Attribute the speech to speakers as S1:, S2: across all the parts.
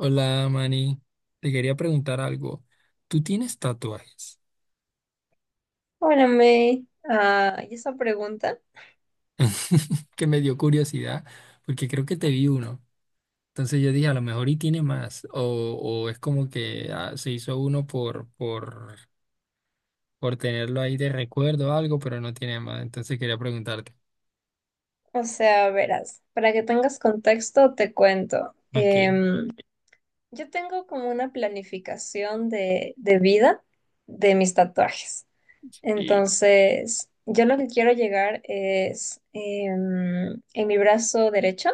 S1: Hola, Manny. Te quería preguntar algo. ¿Tú tienes tatuajes?
S2: Bueno, May, y esa pregunta,
S1: Que me dio curiosidad porque creo que te vi uno. Entonces yo dije, a lo mejor y tiene más. O es como que se hizo uno por tenerlo ahí de recuerdo o algo, pero no tiene más. Entonces quería preguntarte.
S2: o sea, verás, para que tengas contexto, te cuento.
S1: Ok.
S2: Yo tengo como una planificación de vida de mis tatuajes.
S1: Y...
S2: Entonces, yo lo que quiero llegar es, en mi brazo derecho,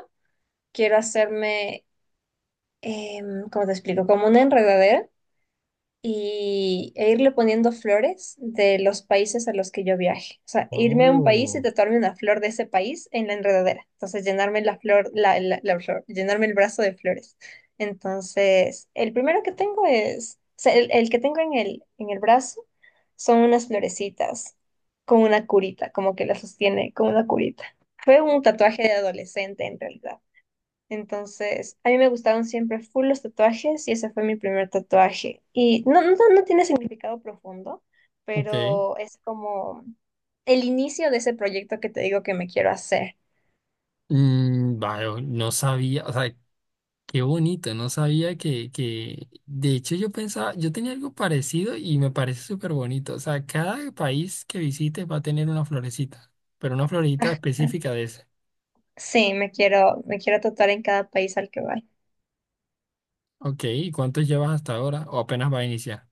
S2: quiero hacerme, ¿cómo te explico? Como una enredadera e irle poniendo flores de los países a los que yo viaje. O sea, irme a un país y
S1: Oh,
S2: tatuarme una flor de ese país en la enredadera. Entonces, llenarme la flor, la flor, llenarme el brazo de flores. Entonces, el primero que tengo es, o sea, el que tengo en en el brazo son unas florecitas con una curita, como que la sostiene con una curita. Fue un tatuaje de adolescente en realidad. Entonces, a mí me gustaron siempre full los tatuajes y ese fue mi primer tatuaje. Y no tiene significado profundo,
S1: ok.
S2: pero es como el inicio de ese proyecto que te digo que me quiero hacer.
S1: Vaya, no sabía. O sea, qué bonito, no sabía que, de hecho yo pensaba, yo tenía algo parecido y me parece súper bonito. O sea, cada país que visites va a tener una florecita, pero una florecita
S2: Ajá.
S1: específica de ese.
S2: Sí, me quiero tatuar en cada país al que voy.
S1: Ok, ¿y cuántos llevas hasta ahora? ¿O apenas va a iniciar?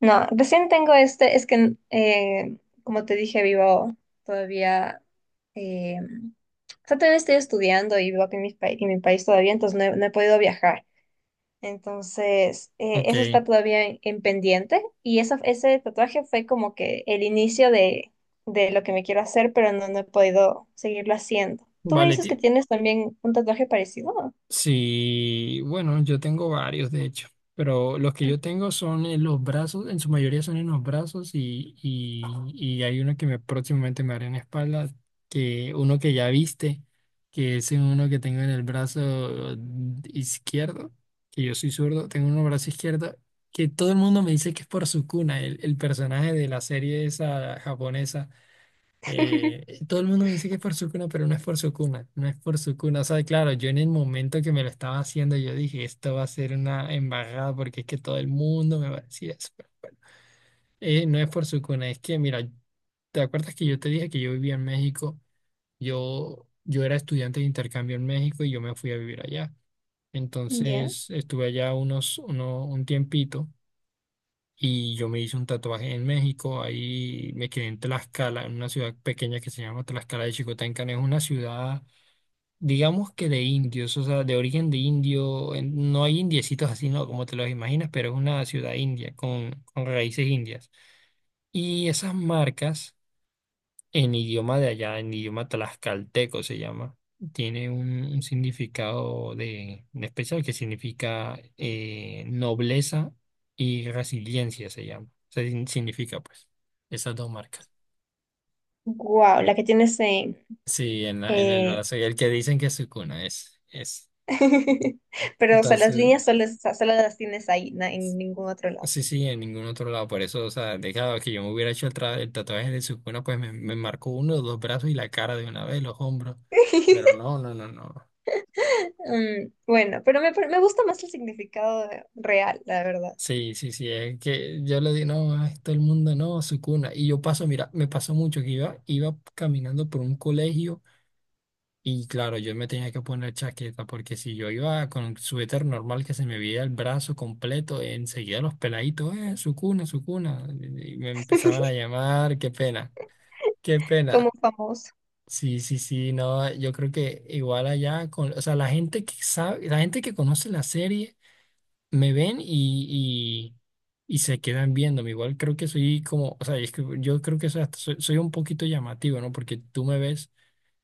S2: No, recién tengo este, es que como te dije, vivo todavía, eh, o sea, todavía estoy estudiando y vivo aquí en en mi país todavía, entonces no he podido viajar. Entonces,
S1: Ok,
S2: eso está todavía en pendiente y eso, ese tatuaje fue como que el inicio de lo que me quiero hacer, pero no he podido seguirlo haciendo. Tú me
S1: vale,
S2: dices que tienes también un tatuaje parecido.
S1: sí, bueno, yo tengo varios de hecho, pero los que yo tengo son en los brazos, en su mayoría son en los brazos y hay uno próximamente me haré en la espalda, que uno que ya viste, que es uno que tengo en el brazo izquierdo, que yo soy zurdo, tengo un brazo izquierdo, que todo el mundo me dice que es por Sukuna, el personaje de la serie esa japonesa. Eh, todo el mundo me dice que es por su cuna, pero no es por su cuna, no es por su cuna. O sea, claro, yo en el momento que me lo estaba haciendo, yo dije, esto va a ser una embarrada porque es que todo el mundo me va a decir eso. No es por su cuna, es que, mira, ¿te acuerdas que yo te dije que yo vivía en México? Yo era estudiante de intercambio en México y yo me fui a vivir allá.
S2: Ya.
S1: Entonces, estuve allá un tiempito. Y yo me hice un tatuaje en México, ahí me quedé en Tlaxcala, en una ciudad pequeña que se llama Tlaxcala de Xicoténcan. Es una ciudad, digamos que de indios, o sea, de origen de indio. No hay indiecitos así, ¿no? Como te los imaginas, pero es una ciudad india, con, raíces indias. Y esas marcas en idioma de allá, en idioma tlaxcalteco se llama, tiene un significado de especial que significa nobleza y resiliencia se llama. Se sin- significa pues esas dos marcas.
S2: Wow, la que tienes en...
S1: Sí, en el
S2: eh,
S1: brazo, y el que dicen que es su cuna es.
S2: Pero, o sea, las
S1: Entonces,
S2: líneas solo, solo las tienes ahí, en ningún otro lado.
S1: sí, sí, en ningún otro lado. Por eso, o sea, dejado que yo me hubiera hecho el tatuaje de su cuna, pues me marcó uno, dos brazos y la cara de una vez, los hombros. Pero no, no, no, no.
S2: Mm, bueno, pero me gusta más el significado real, la verdad,
S1: Sí, sí, sí, es que yo le di, no, a todo el mundo, no, su cuna. Y yo paso, mira, me pasó mucho que iba caminando por un colegio y claro, yo me tenía que poner chaqueta porque si yo iba con un suéter normal que se me veía el brazo completo, enseguida los peladitos, su cuna, y me empezaban a llamar, qué pena, qué
S2: como
S1: pena.
S2: famoso.
S1: Sí, sí, sí, no, yo creo que igual allá, o sea, la gente que sabe, la gente que conoce la serie me ven y se quedan viéndome. Igual creo que soy como, o sea, es que yo creo que soy, soy un poquito llamativo, ¿no? Porque tú me ves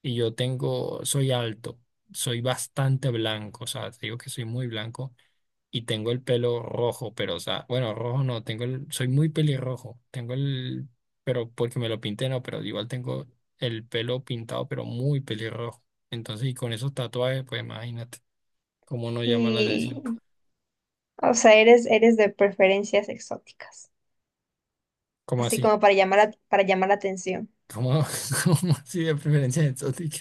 S1: y yo tengo, soy alto, soy bastante blanco, o sea, te digo que soy muy blanco y tengo el pelo rojo, pero, o sea, bueno, rojo no, tengo el, soy muy pelirrojo, tengo el, pero porque me lo pinté, no, pero igual tengo el pelo pintado, pero muy pelirrojo. Entonces, y con esos tatuajes, pues imagínate cómo no llama la
S2: Y
S1: atención.
S2: o sea, eres de preferencias exóticas,
S1: ¿Cómo
S2: así
S1: así?
S2: como para llamar la atención.
S1: ¿Cómo, cómo así de preferencia exótica?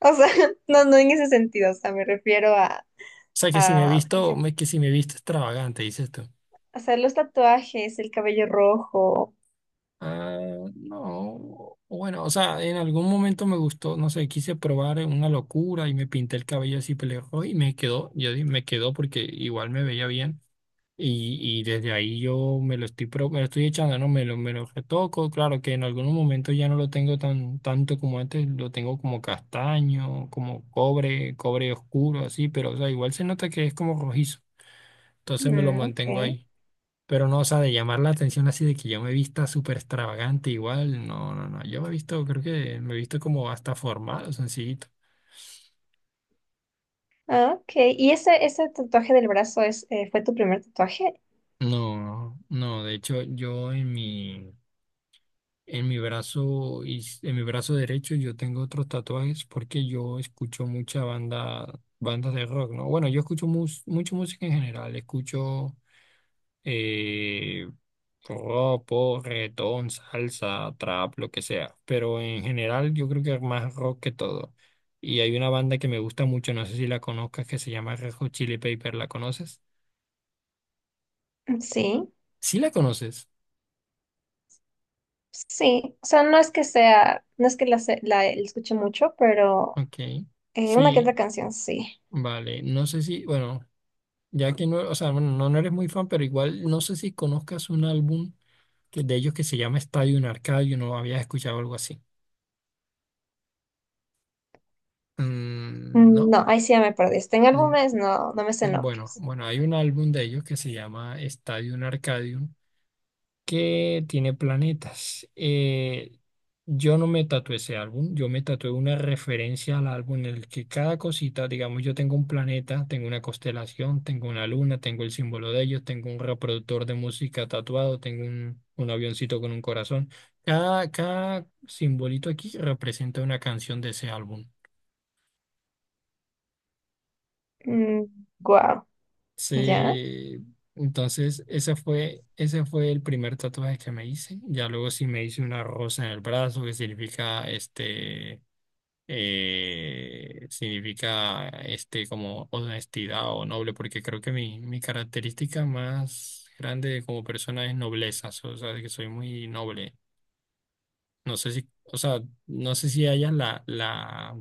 S2: O sea, no, no en ese sentido, o sea, me refiero
S1: O sea, que si me he
S2: a,
S1: visto,
S2: por ejemplo,
S1: que si me he visto extravagante, dices tú.
S2: hacer los tatuajes, el cabello rojo.
S1: Ah, no. Bueno, o sea, en algún momento me gustó, no sé, quise probar una locura y me pinté el cabello así pelirrojo y me quedó, me quedó porque igual me veía bien. Y desde ahí yo me lo estoy echando, ¿no? Me lo retoco. Claro que en algunos momentos ya no lo tengo tanto como antes, lo tengo como castaño, como cobre, cobre oscuro, así, pero o sea, igual se nota que es como rojizo. Entonces me lo
S2: Mm, ok.
S1: mantengo ahí. Pero no, o sea, de llamar la atención así de que yo me vista súper extravagante, igual, no, no, no. Yo me he visto, creo que me he visto como hasta formal, sencillito.
S2: Ah, ok. ¿Y ese tatuaje del brazo es, fue tu primer tatuaje?
S1: No, no, de hecho, yo en mi. En mi brazo, y en mi brazo derecho yo tengo otros tatuajes porque yo escucho bandas de rock, ¿no? Bueno, yo escucho mucha música en general, escucho eh, rock, pop, reggaetón, salsa, trap, lo que sea, pero en general yo creo que más rock que todo. Y hay una banda que me gusta mucho, no sé si la conozcas, que se llama Red Hot Chili Pepper, ¿la conoces?
S2: Sí,
S1: Sí la conoces,
S2: sí. O sea, no es que sea, no es que la escuche mucho, pero
S1: ok,
S2: una que otra
S1: sí,
S2: canción, sí.
S1: vale, no sé si, bueno. Ya que no, o sea, bueno, no, no eres muy fan, pero igual no sé si conozcas un álbum de ellos que se llama Stadium Arcadium, no habías escuchado algo así. Mm,
S2: Mm,
S1: no.
S2: no, ahí sí ya me perdiste. En
S1: Mm,
S2: álbumes no, no me sé
S1: Bueno,
S2: nombres.
S1: bueno, hay un álbum de ellos que se llama Stadium Arcadium que tiene planetas. Yo no me tatué ese álbum, yo me tatué una referencia al álbum en el que cada cosita, digamos, yo tengo un planeta, tengo una constelación, tengo una luna, tengo el símbolo de ellos, tengo un reproductor de música tatuado, tengo un, avioncito con un corazón. Cada simbolito aquí representa una canción de ese álbum.
S2: Mm, guau, ¿ya?
S1: Sí, entonces ese fue el primer tatuaje que me hice. Ya luego sí me hice una rosa en el brazo que significa como honestidad o noble, porque creo que mi característica más grande como persona es nobleza, o sea, que soy muy noble. No sé si, o sea, no sé si hayas la, la,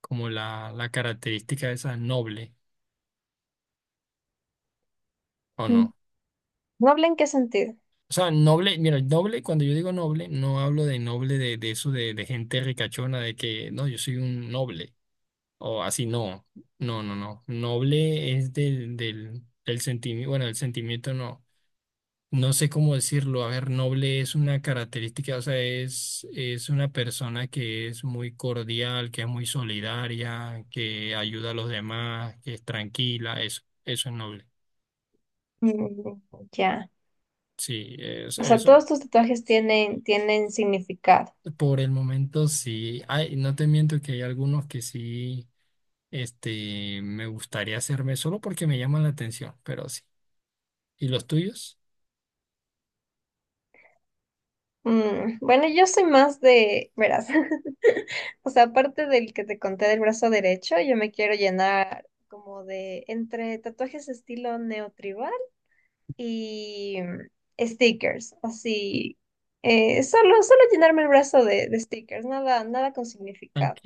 S1: como la característica esa noble o
S2: Mm,
S1: no.
S2: ¿noble en qué sentido?
S1: O sea, noble, mira, el noble, cuando yo digo noble, no hablo de noble de eso de gente ricachona, de que no, yo soy un noble, o así, no, no, no, no. Noble es del sentimiento, bueno, el sentimiento no, no sé cómo decirlo. A ver, noble es una característica, o sea, es una persona que es muy cordial, que es muy solidaria, que ayuda a los demás, que es tranquila, eso es noble.
S2: Mm, ya.
S1: Sí,
S2: O sea,
S1: eso,
S2: todos tus tatuajes tienen, tienen significado.
S1: por el momento sí, hay, no te miento que hay algunos que sí, me gustaría hacerme solo porque me llaman la atención, pero sí. ¿Y los tuyos?
S2: Mm, bueno, yo soy más de, verás, o sea, aparte del que te conté del brazo derecho, yo me quiero llenar como de entre tatuajes estilo neotribal y mm, stickers, así. Solo, solo llenarme el brazo de stickers, nada, nada con significado.
S1: Ok.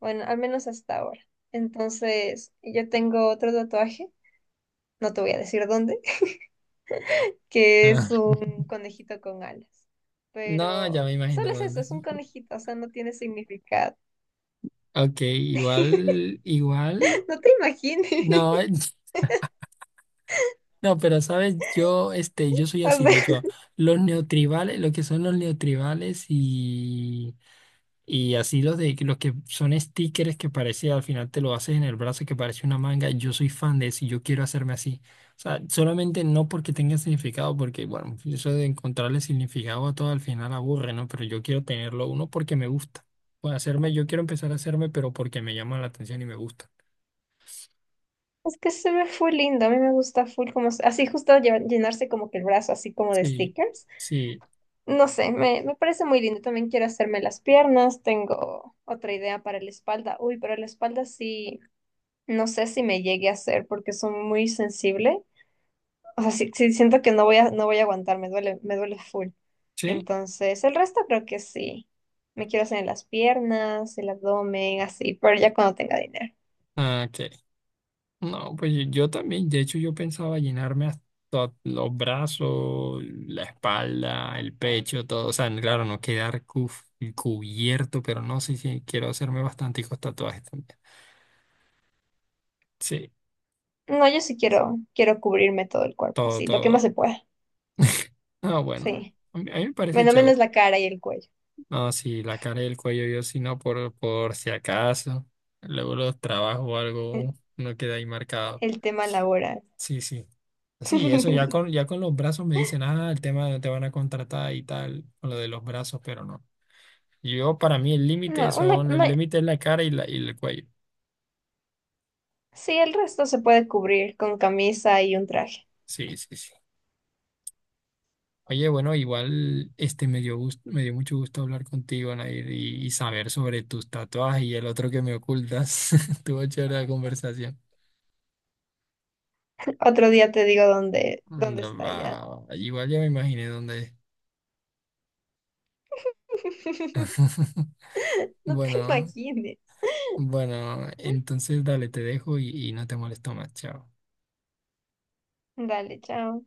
S2: Bueno, al menos hasta ahora. Entonces, yo tengo otro tatuaje, no te voy a decir dónde, que
S1: Ah,
S2: es un conejito con alas.
S1: no, ya
S2: Pero
S1: me imagino
S2: solo es eso,
S1: dónde.
S2: es un conejito, o sea, no tiene significado.
S1: Ok, igual, igual,
S2: No te imagines.
S1: no, no, pero sabes, yo soy
S2: O
S1: así, de
S2: sea,
S1: hecho, los neotribales, lo que son los neotribales y así los de los que son stickers que parece al final te lo haces en el brazo que parece una manga. Yo soy fan de eso y yo quiero hacerme así. O sea, solamente no porque tenga significado, porque bueno, eso de encontrarle significado a todo al final aburre, ¿no? Pero yo quiero tenerlo uno porque me gusta. Bueno, yo quiero empezar a hacerme, pero porque me llama la atención y me gusta.
S2: es que se ve full lindo. A mí me gusta full como así justo llenarse como que el brazo así como de
S1: Sí,
S2: stickers.
S1: sí,
S2: No sé, me parece muy lindo. También quiero hacerme las piernas. Tengo otra idea para la espalda. Uy, pero la espalda sí, no sé si me llegue a hacer porque soy muy sensible. O sea, sí, sí siento que no voy a aguantar, me duele full.
S1: sí.
S2: Entonces, el resto creo que sí. Me quiero hacer en las piernas, el abdomen, así, pero ya cuando tenga dinero.
S1: Ah, ok. No, pues yo también, de hecho yo pensaba llenarme hasta los brazos, la espalda, el pecho, todo, o sea, claro, no quedar cubierto, pero no sé si quiero hacerme bastanticos tatuajes también. Sí,
S2: No, yo sí quiero, quiero cubrirme todo el cuerpo,
S1: todo,
S2: así, lo que más
S1: todo.
S2: se pueda.
S1: Ah, bueno,
S2: Sí.
S1: a mí me parece
S2: Menos
S1: chévere.
S2: menos la cara y el cuello.
S1: No, sí, la cara y el cuello yo sí no, por si acaso, luego los trabajos o
S2: El,
S1: algo, no queda ahí marcado.
S2: el tema laboral.
S1: Sí, sí. Sí, eso ya ya con los brazos me dicen, ah, el tema de te van a contratar y tal, con lo de los brazos, pero no. Yo, para mí, el
S2: No,
S1: límite son, el límite es la cara y el cuello.
S2: sí, el resto se puede cubrir con camisa y un traje.
S1: Sí, sí, sí. Oye, bueno, igual me dio mucho gusto hablar contigo, Nair, y saber sobre tus tatuajes y el otro que me ocultas. Tuvo chévere la conversación.
S2: Otro día te digo dónde, dónde
S1: Anda,
S2: está ya.
S1: va. Igual ya me imaginé dónde es.
S2: No te
S1: Bueno,
S2: imagines.
S1: bueno, entonces dale, te dejo y no te molesto más. Chao.
S2: Dale, chao.